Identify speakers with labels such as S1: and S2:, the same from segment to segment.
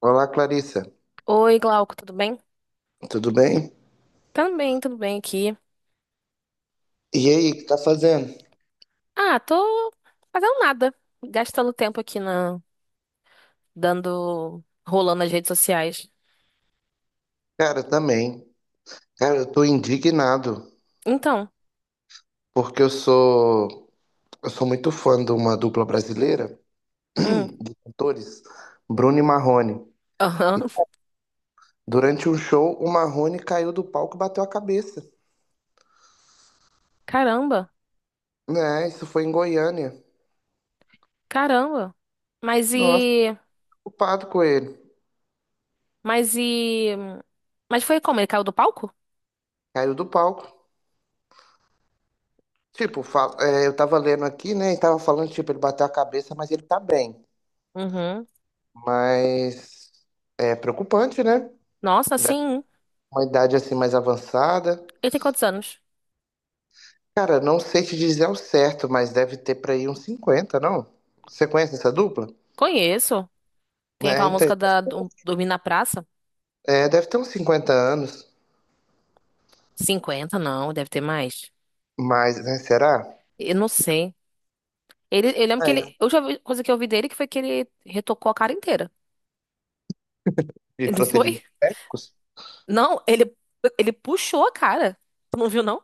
S1: Olá, Clarissa.
S2: Oi, Glauco, tudo bem?
S1: Tudo bem?
S2: Também, tudo bem aqui.
S1: E aí, o que tá fazendo?
S2: Ah, tô fazendo nada, gastando tempo aqui na dando rolando nas redes sociais.
S1: Cara, também. Cara, eu tô indignado
S2: Então.
S1: porque eu sou muito fã de uma dupla brasileira
S2: Hum.
S1: de cantores, Bruno e Marrone. E
S2: aham.
S1: durante um show, o Marrone caiu do palco e bateu a cabeça.
S2: Caramba,
S1: Né? Isso foi em Goiânia.
S2: caramba. Mas
S1: Nossa,
S2: e,
S1: preocupado com ele.
S2: mas e, mas foi como? Ele caiu do palco?
S1: Caiu do palco. Tipo, eu tava lendo aqui, né? E tava falando, tipo, ele bateu a cabeça, mas ele tá bem.
S2: Uhum.
S1: Mas é preocupante, né?
S2: Nossa, sim.
S1: Uma idade assim mais avançada.
S2: Ele tem quantos anos?
S1: Cara, não sei te dizer ao certo, mas deve ter pra aí uns 50, não? Você conhece essa dupla?
S2: Conheço. Tem
S1: É,
S2: aquela
S1: então,
S2: música da Dormir na Praça?
S1: é, deve ter uns 50 anos,
S2: 50? Não, deve ter mais.
S1: mas, né, será?
S2: Eu não sei. Ele, eu lembro que
S1: Ah,
S2: ele.
S1: é.
S2: A última coisa que eu vi dele que foi que ele retocou a cara inteira.
S1: De
S2: Não foi?
S1: procedimentos médicos?
S2: Não, ele puxou a cara. Tu não viu, não?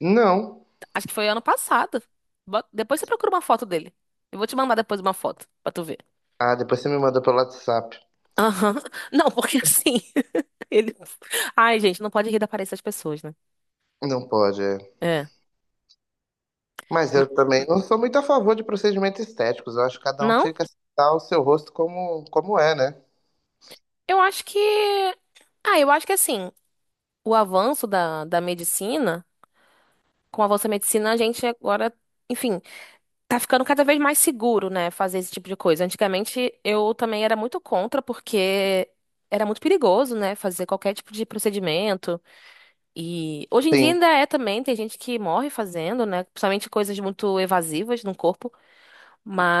S1: Não.
S2: Acho que foi ano passado. Depois você procura uma foto dele. Eu vou te mandar depois uma foto pra tu ver.
S1: Ah, depois você me manda pelo WhatsApp.
S2: Aham. Não, porque assim. Ele. Ai, gente, não pode rir da aparência das pessoas, né?
S1: Não pode, é.
S2: É.
S1: Mas
S2: M-
S1: eu também não sou muito a favor de procedimentos estéticos. Eu acho que cada um tinha
S2: Não,
S1: que aceitar o seu rosto como, como é, né?
S2: eu acho que. Ah, eu acho que assim, o avanço da medicina, com o avanço da medicina, a gente agora, enfim. Tá ficando cada vez mais seguro, né, fazer esse tipo de coisa. Antigamente eu também era muito contra, porque era muito perigoso, né, fazer qualquer tipo de procedimento. E hoje em dia
S1: Sim,
S2: ainda é também, tem gente que morre fazendo, né, principalmente coisas muito evasivas no corpo.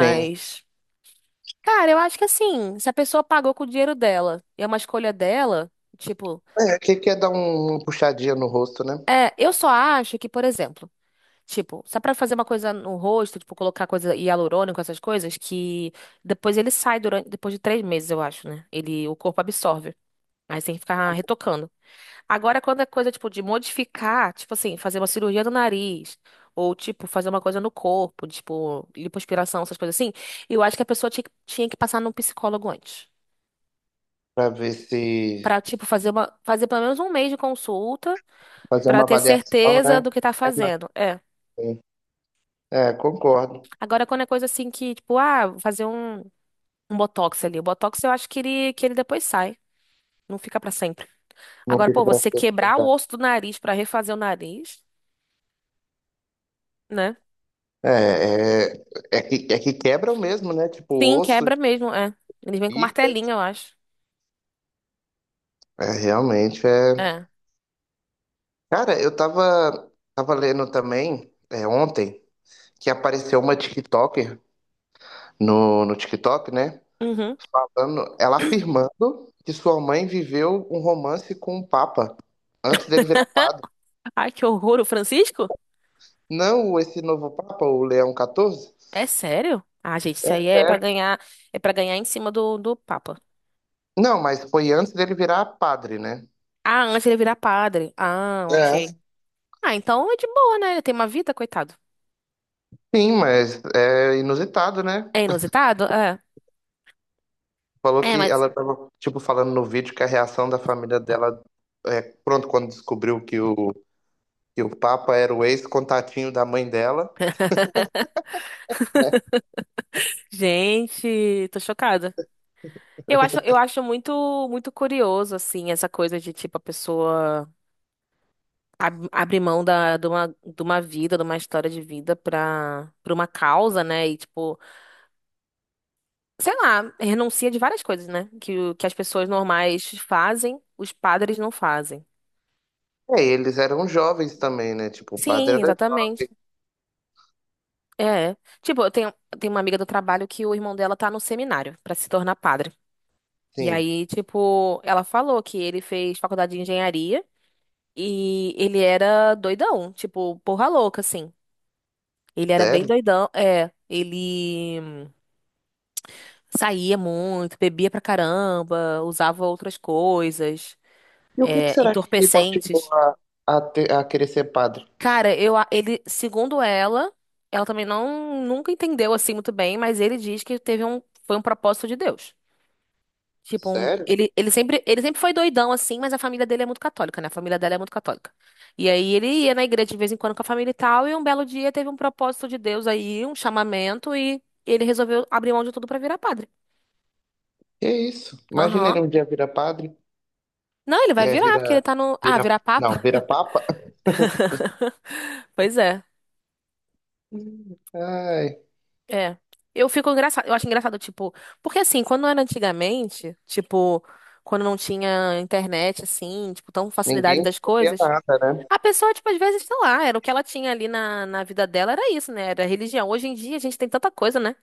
S1: sim.
S2: cara, eu acho que assim, se a pessoa pagou com o dinheiro dela e é uma escolha dela, tipo,
S1: É, que quer dar uma puxadinha no rosto, né?
S2: é, eu só acho que, por exemplo, tipo, só pra fazer uma coisa no rosto, tipo, colocar coisa hialurônico, essas coisas, que depois ele sai durante, depois de 3 meses, eu acho, né? Ele, o corpo absorve. Aí você tem que ficar retocando. Agora, quando é coisa, tipo, de modificar, tipo assim, fazer uma cirurgia no nariz, ou, tipo, fazer uma coisa no corpo, tipo, lipoaspiração, essas coisas assim, eu acho que a pessoa tinha que passar num psicólogo antes.
S1: Pra ver se
S2: Pra, tipo, fazer pelo menos um mês de consulta,
S1: fazer
S2: pra
S1: uma
S2: ter
S1: avaliação,
S2: certeza
S1: né?
S2: do que tá
S1: Interna,
S2: fazendo. É.
S1: sim. É, concordo.
S2: Agora, quando é coisa assim que, tipo, ah, vou fazer um botox ali. O botox eu acho que ele depois sai, não fica pra sempre.
S1: Não
S2: Agora,
S1: fica
S2: pô,
S1: para
S2: você quebrar o
S1: pensar.
S2: osso do nariz pra refazer o nariz, né?
S1: É, é, é que quebram mesmo, né? Tipo,
S2: Sim,
S1: osso
S2: quebra
S1: e
S2: mesmo, é. Eles vêm com
S1: pica.
S2: martelinho, eu acho.
S1: É, realmente é.
S2: É.
S1: Cara, eu tava lendo também, é, ontem, que apareceu uma TikToker no TikTok, né?
S2: Uhum.
S1: Falando, ela afirmando que sua mãe viveu um romance com o Papa antes dele virar padre.
S2: Ai, que horror, o Francisco?
S1: Não esse novo Papa, o Leão XIV.
S2: É sério? Ah, gente, isso aí é pra ganhar, é para ganhar em cima do Papa.
S1: Não, mas foi antes dele virar padre, né?
S2: Ah, antes ele virar padre. Ah, ok.
S1: É.
S2: Ah, então é de boa, né? Ele tem uma vida, coitado.
S1: Sim, mas é inusitado, né?
S2: É inusitado? É.
S1: Falou
S2: É,
S1: que
S2: mas.
S1: ela tava, tipo, falando no vídeo que a reação da família dela é pronto quando descobriu que o Papa era o ex-contatinho da mãe dela, né?
S2: Gente, tô chocada. Eu acho muito, muito curioso, assim, essa coisa de, tipo, a pessoa abrir mão de uma vida, de uma história de vida pra uma causa, né? E, tipo, sei lá, renuncia de várias coisas, né? Que, que as pessoas normais fazem, os padres não fazem.
S1: É, eles eram jovens também, né? Tipo, o padre
S2: Sim,
S1: era
S2: exatamente.
S1: jovem,
S2: É. Tipo, eu tenho uma amiga do trabalho que o irmão dela tá no seminário pra se tornar padre. E
S1: sim.
S2: aí, tipo, ela falou que ele fez faculdade de engenharia. E ele era doidão, tipo, porra louca, assim. Ele era bem
S1: Sério?
S2: doidão, é. Ele saía muito, bebia pra caramba, usava outras coisas,
S1: E o que que
S2: é,
S1: será que ele motivou
S2: entorpecentes.
S1: a, a querer ser padre?
S2: Cara, ele, segundo ela, ela também não nunca entendeu assim muito bem, mas ele diz que foi um propósito de Deus. Tipo,
S1: Sério?
S2: ele, ele sempre foi doidão assim, mas a família dele é muito católica, né? A família dela é muito católica. E aí ele ia na igreja de vez em quando com a família e tal, e um belo dia teve um propósito de Deus aí, um chamamento, e ele resolveu abrir mão de tudo pra virar padre.
S1: Que isso? Imagina
S2: Aham.
S1: ele um dia vira padre,
S2: Não, ele vai
S1: né?
S2: virar, porque ele
S1: Vira,
S2: tá no. Ah,
S1: vira,
S2: virar papa?
S1: não, vira papa.
S2: Pois é.
S1: Ai.
S2: É. Eu fico engraçado, eu acho engraçado, tipo, porque assim, quando era antigamente, tipo, quando não tinha internet, assim, tipo, tão facilidade
S1: Ninguém
S2: das
S1: descobria
S2: coisas.
S1: nada, né?
S2: A pessoa, tipo, às vezes, sei lá, era o que ela tinha ali na vida dela, era isso, né? Era religião. Hoje em dia a gente tem tanta coisa, né?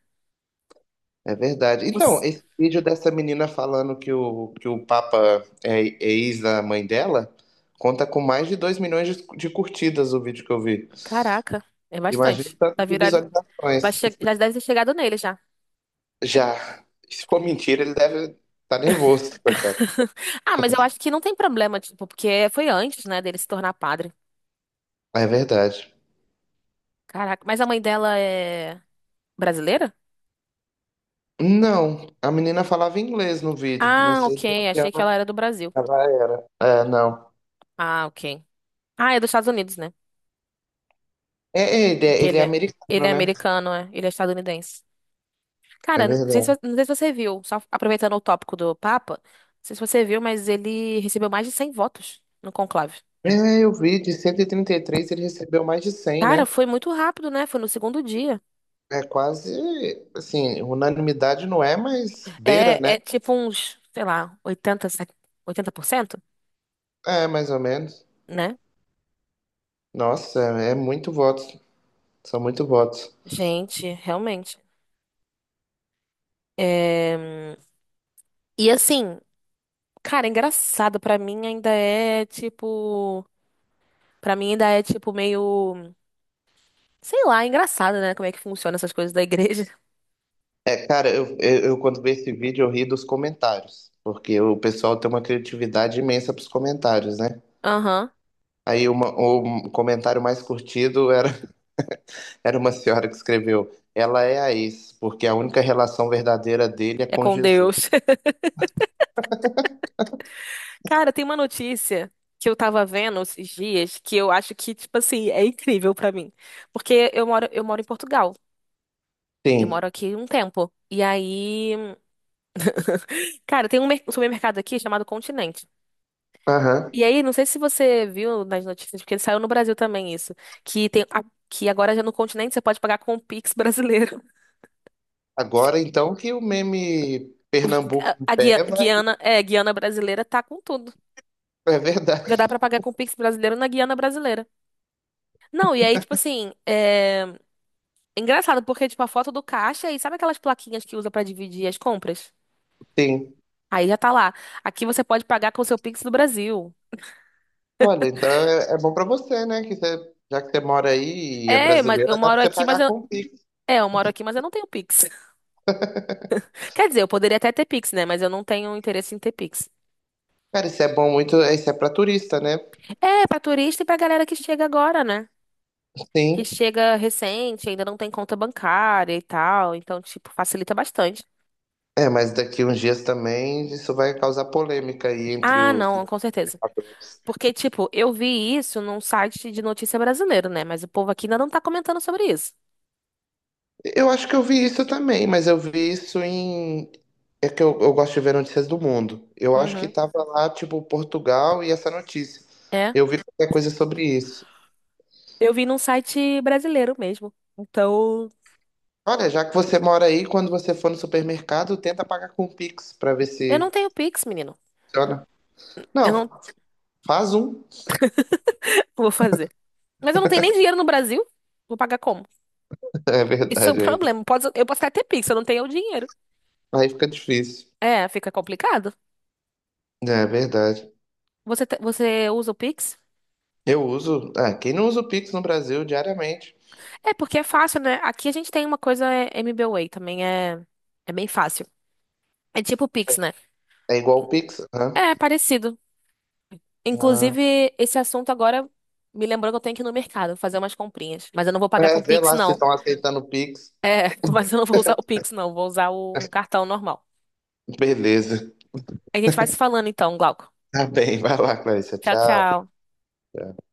S1: É verdade. Então,
S2: Você-
S1: esse vídeo dessa menina falando que o Papa é ex da mãe dela conta com mais de 2 milhões de curtidas o vídeo que eu vi.
S2: Caraca, é bastante.
S1: Imagina o
S2: Tá
S1: tanto de
S2: virali. Vai
S1: visualizações.
S2: che. Já deve ter chegado nele já.
S1: Já. Se for mentira, ele deve estar nervoso, coitado.
S2: Ah, mas eu acho que não tem problema, tipo, porque foi antes, né, dele se tornar padre.
S1: É verdade.
S2: Caraca, mas a mãe dela é brasileira?
S1: Não, a menina falava inglês no vídeo. Não
S2: Ah,
S1: sei se
S2: ok, achei que
S1: ela
S2: ela era do Brasil.
S1: ela era. É, não.
S2: Ah, ok. Ah, é dos Estados Unidos, né?
S1: É,
S2: Porque
S1: ele
S2: ele
S1: é
S2: é, ele
S1: americano,
S2: é
S1: né?
S2: americano, é. Ele é estadunidense.
S1: É
S2: Cara, não sei se,
S1: verdade.
S2: não sei se você viu, só aproveitando o tópico do Papa, não sei se você viu, mas ele recebeu mais de 100 votos no conclave.
S1: É, eu vi, de cento e trinta e três ele recebeu mais de 100
S2: Cara,
S1: né?
S2: foi muito rápido, né? Foi no segundo dia.
S1: É quase, assim, unanimidade não é, mas beira,
S2: É,
S1: né?
S2: é tipo uns, sei lá, oitenta se- 80%
S1: É, mais ou menos.
S2: né?
S1: Nossa, é muito votos. São muito votos.
S2: Gente, realmente. É, e assim, cara, engraçado pra mim ainda é tipo, pra mim ainda é tipo meio, sei lá, engraçado, né? Como é que funciona essas coisas da igreja?
S1: É, cara, eu quando vi esse vídeo eu ri dos comentários, porque o pessoal tem uma criatividade imensa pros comentários, né?
S2: Aham.
S1: O comentário mais curtido era, era uma senhora que escreveu: Ela é a ex, porque a única relação verdadeira dele é
S2: É
S1: com
S2: com
S1: Jesus.
S2: Deus. Cara, tem uma notícia que eu tava vendo esses dias que eu acho que, tipo assim, é incrível pra mim. Porque eu moro em Portugal. Eu
S1: Sim.
S2: moro aqui um tempo. E aí, cara, tem um supermercado aqui chamado Continente.
S1: Aham.
S2: E aí, não sei se você viu nas notícias, porque saiu no Brasil também isso, que que agora já no Continente você pode pagar com o Pix brasileiro.
S1: Agora, então, que o meme Pernambuco
S2: A,
S1: em
S2: a Guia-
S1: pé vai...
S2: Guiana, é, Guiana brasileira tá com tudo.
S1: É
S2: Já
S1: verdade,
S2: dá pra pagar com o Pix brasileiro na Guiana brasileira. Não, e aí, tipo assim, é. Engraçado, porque, tipo, a foto do caixa e sabe aquelas plaquinhas que usa pra dividir as compras?
S1: sim.
S2: Aí já tá lá. Aqui você pode pagar com o seu Pix do Brasil.
S1: Olha, então é, é bom pra você, né? Que você, já que você mora aí e é
S2: É, mas
S1: brasileira,
S2: eu
S1: dá pra
S2: moro
S1: você
S2: aqui, mas
S1: pagar
S2: eu.
S1: com o Pix.
S2: É, eu moro aqui, mas eu não tenho Pix. Quer dizer, eu poderia até ter Pix, né? Mas eu não tenho interesse em ter Pix.
S1: Cara, isso é bom muito... Isso é pra turista, né?
S2: É, pra turista e pra galera que chega agora, né? Que
S1: Sim.
S2: chega recente, ainda não tem conta bancária e tal. Então, tipo, facilita bastante.
S1: É, mas daqui uns dias também isso vai causar polêmica aí entre
S2: Ah,
S1: os...
S2: não, com certeza. Porque, tipo, eu vi isso num site de notícia brasileiro, né? Mas o povo aqui ainda não tá comentando sobre isso.
S1: Eu acho que eu vi isso também, mas eu vi isso em. É que eu gosto de ver notícias do mundo. Eu acho que
S2: Uhum.
S1: tava lá, tipo, Portugal e essa notícia.
S2: É.
S1: Eu vi qualquer coisa sobre isso.
S2: Eu vi num site brasileiro mesmo. Então,
S1: Olha, já que você mora aí, quando você for no supermercado, tenta pagar com o Pix pra ver
S2: eu não
S1: se
S2: tenho Pix, menino.
S1: funciona.
S2: Eu
S1: Não,
S2: não
S1: faz um.
S2: vou fazer. Mas eu não tenho nem dinheiro no Brasil. Vou pagar como?
S1: É
S2: Isso é um
S1: verdade, aí,
S2: problema. Eu posso até ter Pix, eu não tenho o dinheiro.
S1: aí fica difícil.
S2: É, fica complicado.
S1: É verdade.
S2: Você usa o Pix?
S1: Eu uso. Ah, quem não usa o Pix no Brasil diariamente?
S2: É, porque é fácil, né? Aqui a gente tem uma coisa é, MBWay, também é bem fácil. É tipo o Pix, né?
S1: É igual o Pix, né?
S2: É parecido.
S1: Ah,
S2: Inclusive, esse assunto agora me lembrou que eu tenho que ir no mercado fazer umas comprinhas. Mas eu não vou pagar com
S1: é, vê
S2: Pix,
S1: lá se
S2: não.
S1: estão aceitando o Pix.
S2: É, mas eu não vou usar o Pix, não. Vou usar o cartão normal.
S1: Beleza.
S2: A gente vai se falando então, Glauco.
S1: Tá bem, vai lá, Clarissa.
S2: Tchau,
S1: Tchau.
S2: tchau.
S1: Tchau.